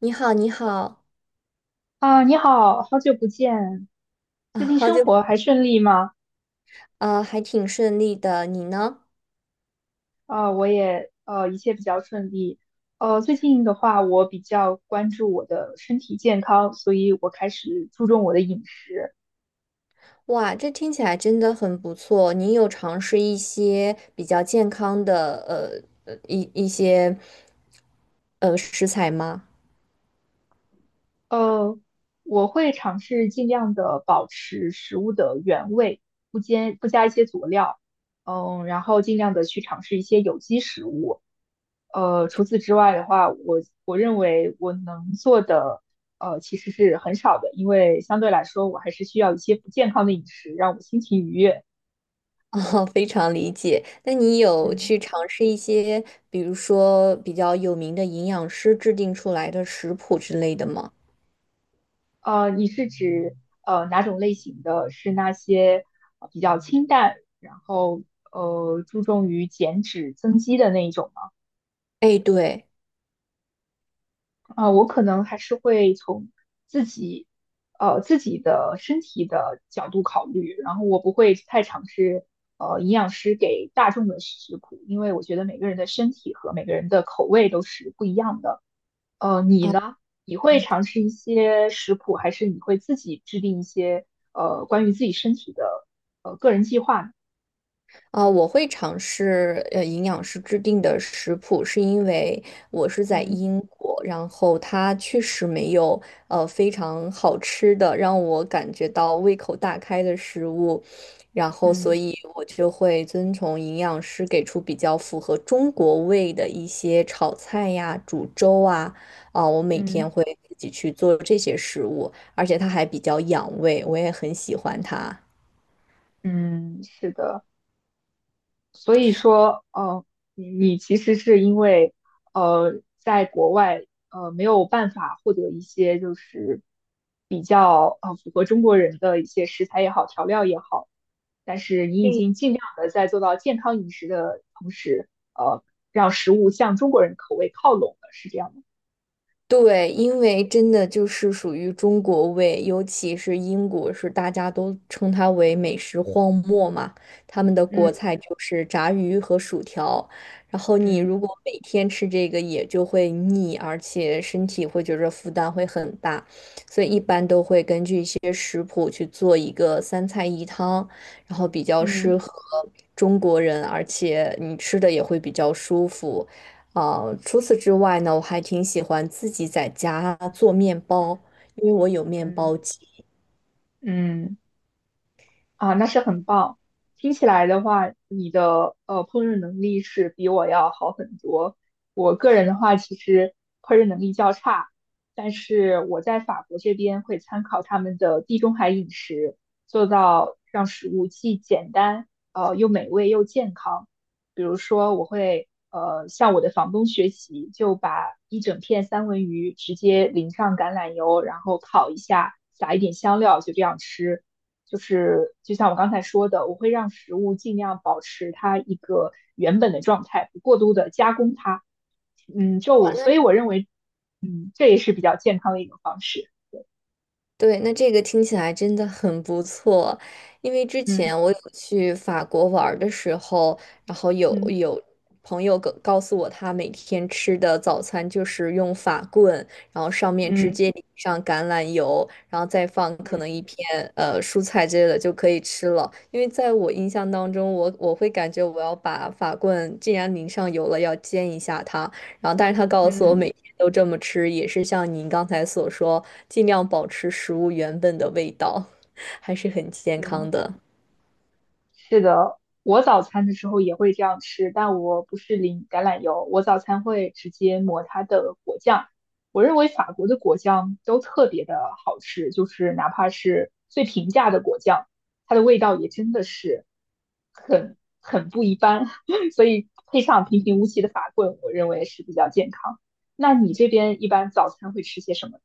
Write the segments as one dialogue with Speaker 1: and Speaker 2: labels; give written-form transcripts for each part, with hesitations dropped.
Speaker 1: 你好，你好，
Speaker 2: 啊，你好，好久不见，最
Speaker 1: 啊，
Speaker 2: 近
Speaker 1: 好
Speaker 2: 生
Speaker 1: 久不
Speaker 2: 活还顺利吗？
Speaker 1: 啊，还挺顺利的，你呢？
Speaker 2: 啊，我也一切比较顺利。最近的话，我比较关注我的身体健康，所以我开始注重我的饮食。
Speaker 1: 哇，这听起来真的很不错。你有尝试一些比较健康的，一些，食材吗？
Speaker 2: 呃，我会尝试尽量的保持食物的原味，不加一些佐料，然后尽量的去尝试一些有机食物。除此之外的话，我认为我能做的，其实是很少的，因为相对来说，我还是需要一些不健康的饮食，让我心情愉悦。
Speaker 1: 哦，非常理解。那你有
Speaker 2: 嗯。
Speaker 1: 去尝试一些，比如说比较有名的营养师制定出来的食谱之类的吗？
Speaker 2: 你是指哪种类型的？是那些比较清淡，然后注重于减脂增肌的那一种吗？
Speaker 1: 哎，对。
Speaker 2: 啊，我可能还是会从自己自己的身体的角度考虑，然后我不会太尝试营养师给大众的食谱，因为我觉得每个人的身体和每个人的口味都是不一样的。你
Speaker 1: 哦
Speaker 2: 呢？你会尝试一些食谱，还是你会自己制定一些关于自己身体的个人计划呢？
Speaker 1: 啊、我会尝试营养师制定的食谱，是因为我是在
Speaker 2: 嗯，
Speaker 1: 英国，然后它确实没有非常好吃的让我感觉到胃口大开的食物，然后所
Speaker 2: 嗯，
Speaker 1: 以我就会遵从营养师给出比较符合中国胃的一些炒菜呀、煮粥啊，啊、我每天
Speaker 2: 嗯，
Speaker 1: 会自己去做这些食物，而且它还比较养胃，我也很喜欢它。
Speaker 2: 嗯，是的。所以说，你其实是因为，在国外，没有办法获得一些就是比较符合中国人的一些食材也好，调料也好，但是你已经尽量的在做到健康饮食的同时，呃，让食物向中国人口味靠拢了，是这样吗？
Speaker 1: 对，因为真的就是属于中国味，尤其是英国，是大家都称它为美食荒漠嘛。他们的国
Speaker 2: 嗯，
Speaker 1: 菜就是炸鱼和薯条，然后你
Speaker 2: 嗯，
Speaker 1: 如果每天吃这个，也就会腻，而且身体会觉得负担会很大，所以一般都会根据一些食谱去做一个三菜一汤，然后比较适
Speaker 2: 嗯，
Speaker 1: 合中国人，而且你吃的也会比较舒服。除此之外呢，我还挺喜欢自己在家做面包，因为我有面包
Speaker 2: 嗯，
Speaker 1: 机。
Speaker 2: 嗯。啊，那是很棒。听起来的话，你的烹饪能力是比我要好很多。我个人的话，其实烹饪能力较差，但是我在法国这边会参考他们的地中海饮食，做到让食物既简单，又美味又健康。比如说，我会向我的房东学习，就把一整片三文鱼直接淋上橄榄油，然后烤一下，撒一点香料，就这样吃。就是就像我刚才说的，我会让食物尽量保持它一个原本的状态，不过度的加工它。
Speaker 1: 哇
Speaker 2: 就
Speaker 1: 那
Speaker 2: 所以我认为，这也是比较健康的一种方式。
Speaker 1: 对，那这个听起来真的很不错，因为之
Speaker 2: 嗯，
Speaker 1: 前我有去法国玩儿的时候，然后有
Speaker 2: 嗯，
Speaker 1: 有朋友告诉我，他每天吃的早餐就是用法棍，然后上面直
Speaker 2: 嗯，
Speaker 1: 接淋上橄榄油，然后再放可能
Speaker 2: 嗯，
Speaker 1: 一片蔬菜之类的就可以吃了。因为在我印象当中，我会感觉我要把法棍既然淋上油了，要煎一下它，然后，但是他告诉我，
Speaker 2: 嗯，
Speaker 1: 每天都这么吃，也是像您刚才所说，尽量保持食物原本的味道，还是很健
Speaker 2: 嗯。
Speaker 1: 康的。
Speaker 2: 是的，我早餐的时候也会这样吃，但我不是淋橄榄油，我早餐会直接抹它的果酱。我认为法国的果酱都特别的好吃，就是哪怕是最平价的果酱，它的味道也真的是很不一般。所以配上平平无奇的法棍，我认为是比较健康。那你这边一般早餐会吃些什么？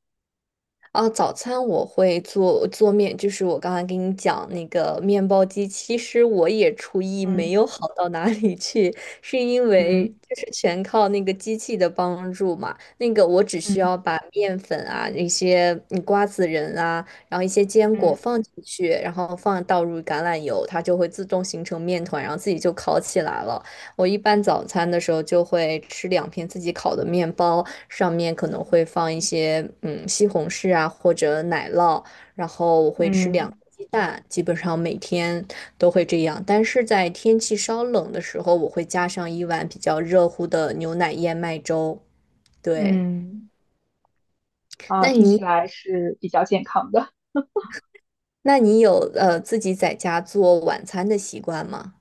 Speaker 1: 哦，早餐我会做面，就是我刚才跟你讲那个面包机，其实我也厨艺没
Speaker 2: 嗯，
Speaker 1: 有好到哪里去，是因为
Speaker 2: 嗯，
Speaker 1: 就是全靠那个机器的帮助嘛。那个我只需
Speaker 2: 嗯，
Speaker 1: 要把面粉啊、一些瓜子仁啊，然后一些坚果
Speaker 2: 嗯，
Speaker 1: 放进去，然后放倒入橄榄油，它就会自动形成面团，然后自己就烤起来了。我一般早餐的时候就会吃两片自己烤的面包，上面可能会放一些西红柿啊或者奶酪，然后我会吃两
Speaker 2: 嗯，
Speaker 1: 个鸡蛋，基本上每天都会这样。但是在天气稍冷的时候，我会加上一碗比较热乎的牛奶燕麦粥。
Speaker 2: 嗯。
Speaker 1: 对，那
Speaker 2: 听起
Speaker 1: 你
Speaker 2: 来是比较健康的。
Speaker 1: 那你有自己在家做晚餐的习惯吗？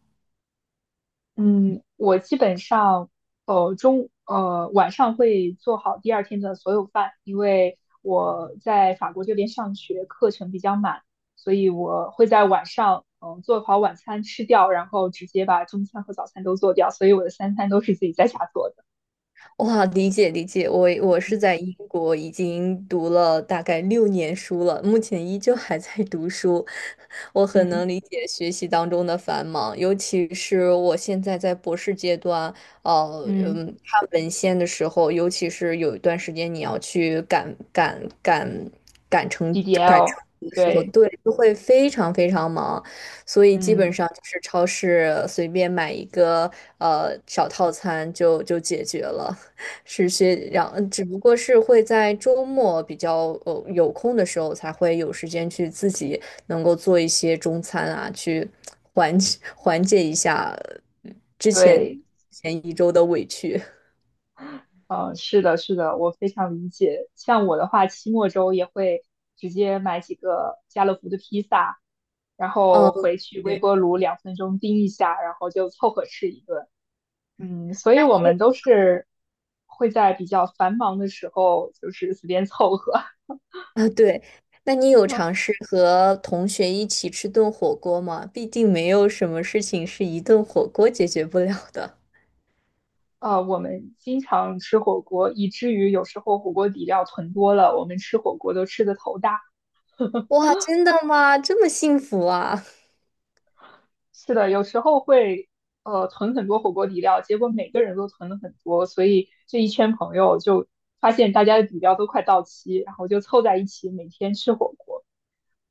Speaker 2: 嗯，我基本上呃中呃晚上会做好第二天的所有饭，因为我在法国这边上学，课程比较满，所以我会在晚上做好晚餐吃掉，然后直接把中餐和早餐都做掉，所以我的三餐都是自己在家做的。
Speaker 1: 哇，理解理解，我
Speaker 2: 嗯，
Speaker 1: 是在英国已经读了大概6年书了，目前依旧还在读书，我很能
Speaker 2: 嗯，
Speaker 1: 理解学习当中的繁忙，尤其是我现在在博士阶段，
Speaker 2: 嗯
Speaker 1: 看文献的时候，尤其是有一段时间你要去赶成赶
Speaker 2: ，DDL，
Speaker 1: 成的时候，
Speaker 2: 对，
Speaker 1: 对，就会非常非常忙。所以基本
Speaker 2: 嗯
Speaker 1: 上就是超市随便买一个小套餐就解决了。是些，然后只不过是会在周末比较有空的时候，才会有时间去自己能够做一些中餐啊，去缓解缓解一下呃之前
Speaker 2: 对，
Speaker 1: 前一周的委屈。
Speaker 2: 嗯，是的，是的，我非常理解。像我的话，期末周也会直接买几个家乐福的披萨，然
Speaker 1: 哦，
Speaker 2: 后回去微
Speaker 1: 对
Speaker 2: 波炉2分钟叮一下，然后就凑合吃一顿。所以我们都是会在比较繁忙的时候，就是随便凑合。
Speaker 1: 啊，对，那你有尝 试和同学一起吃顿火锅吗？毕竟没有什么事情是一顿火锅解决不了的。
Speaker 2: 我们经常吃火锅，以至于有时候火锅底料囤多了，我们吃火锅都吃得头大。
Speaker 1: 哇，真的吗？这么幸福啊！
Speaker 2: 是的，有时候会囤很多火锅底料，结果每个人都囤了很多，所以这一圈朋友就发现大家的底料都快到期，然后就凑在一起每天吃火锅，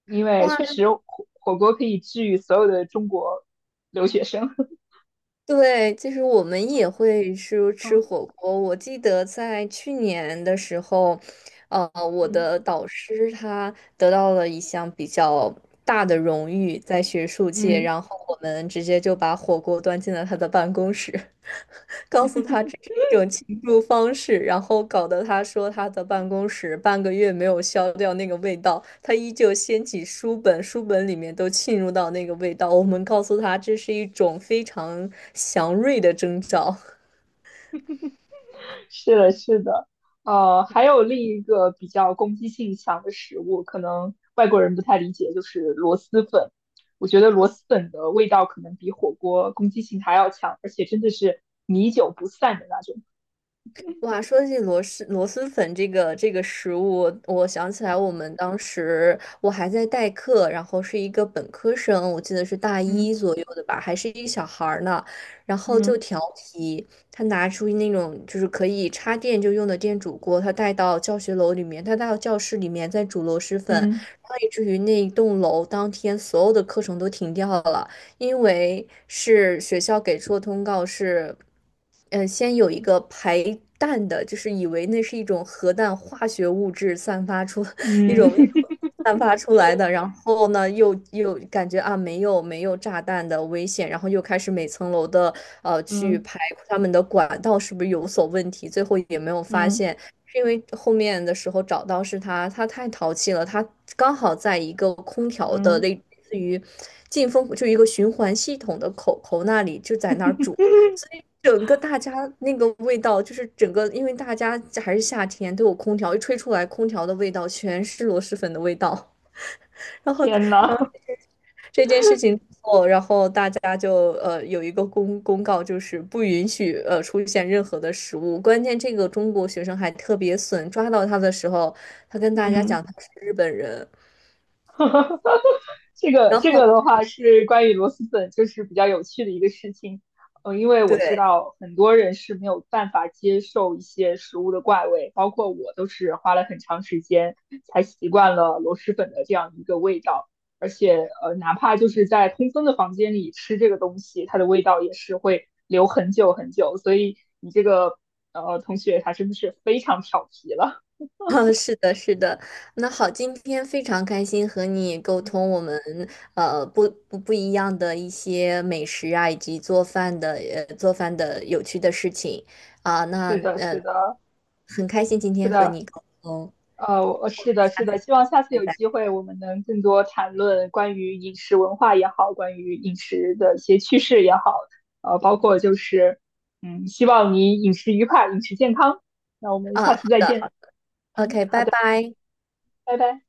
Speaker 2: 因为
Speaker 1: 哇，
Speaker 2: 确
Speaker 1: 那。
Speaker 2: 实火锅可以治愈所有的中国留学生。
Speaker 1: 对，其实我们 也会吃吃
Speaker 2: 嗯，
Speaker 1: 火锅。我记得在去年的时候，我的
Speaker 2: 嗯，
Speaker 1: 导师他得到了一项比较大的荣誉，在学术界，
Speaker 2: 嗯。
Speaker 1: 然后我们直接就把火锅端进了他的办公室。告
Speaker 2: 嗯。
Speaker 1: 诉他这 是一种庆祝方式，然后搞得他说他的办公室半个月没有消掉那个味道，他依旧掀起书本，书本里面都浸入到那个味道。我们告诉他这是一种非常祥瑞的征兆。
Speaker 2: 是的，是的，还有另一个比较攻击性强的食物，可能外国人不太理解，就是螺蛳粉。我觉得螺蛳粉的味道可能比火锅攻击性还要强，而且真的是米久不散的那种。
Speaker 1: 哇，说起螺蛳粉这个食物，我想起来我们当时我还在代课，然后是一个本科生，我记得是大一
Speaker 2: 嗯，
Speaker 1: 左右的吧，还是一个小孩儿呢，然后就
Speaker 2: 嗯，
Speaker 1: 调皮，他拿出那种就是可以插电就用的电煮锅，他带到教学楼里面，他带到教室里面在煮螺蛳粉，然
Speaker 2: 嗯，
Speaker 1: 后以至于那一栋楼当天所有的课程都停掉了。因为是学校给出的通告是，先有一个排氮的，就是以为那是一种核弹化学物质散发出 一
Speaker 2: 嗯。
Speaker 1: 种一种 散发出来的，然后呢，又感觉啊没有炸弹的危险，然后又开始每层楼的去
Speaker 2: 嗯，
Speaker 1: 排他们的管道是不是有所问题，最后也没有发
Speaker 2: 嗯，
Speaker 1: 现。是因为后面的时候找到是他，他太淘气了，他刚好在一个空调的
Speaker 2: 嗯，
Speaker 1: 类似于进风，就一个循环系统的口那里就在那儿煮，整个大家那个味道就是整个，因为大家还是夏天都有空调，一吹出来空调的味道全是螺蛳粉的味道，然后。
Speaker 2: 天呐。
Speaker 1: 这件事情之后，然后大家就有一个公告，就是不允许出现任何的食物。关键这个中国学生还特别损，抓到他的时候，他跟 大家
Speaker 2: 嗯。
Speaker 1: 讲他是日本人，
Speaker 2: 这个
Speaker 1: 然
Speaker 2: 这
Speaker 1: 后。
Speaker 2: 个的话是关于螺蛳粉，就是比较有趣的一个事情。因为
Speaker 1: 对，
Speaker 2: 我知 道很多人是没有办法接受一些食物的怪味，包括我都是花了很长时间才习惯了螺蛳粉的这样一个味道。而且，哪怕就是在通风的房间里吃这个东西，它的味道也是会留很久很久。所以你这个同学他真的是非常调皮了。
Speaker 1: 嗯是的，是的。那好，今天非常开心和你沟
Speaker 2: 嗯，
Speaker 1: 通我们不一样的一些美食啊，以及做饭的有趣的事情啊，那
Speaker 2: 是的，是的，
Speaker 1: 很开心今
Speaker 2: 是
Speaker 1: 天和
Speaker 2: 的。
Speaker 1: 你沟通，
Speaker 2: 是的，是
Speaker 1: 下
Speaker 2: 的，
Speaker 1: 次
Speaker 2: 希望下次
Speaker 1: 再
Speaker 2: 有机
Speaker 1: 见。
Speaker 2: 会我们能更多谈论关于饮食文化也好，关于饮食的一些趋势也好，包括就是，希望你饮食愉快，饮食健康。那我们下
Speaker 1: 嗯，好
Speaker 2: 次再
Speaker 1: 的，好
Speaker 2: 见。
Speaker 1: o k
Speaker 2: 好
Speaker 1: 拜
Speaker 2: 的，
Speaker 1: 拜。
Speaker 2: 拜拜。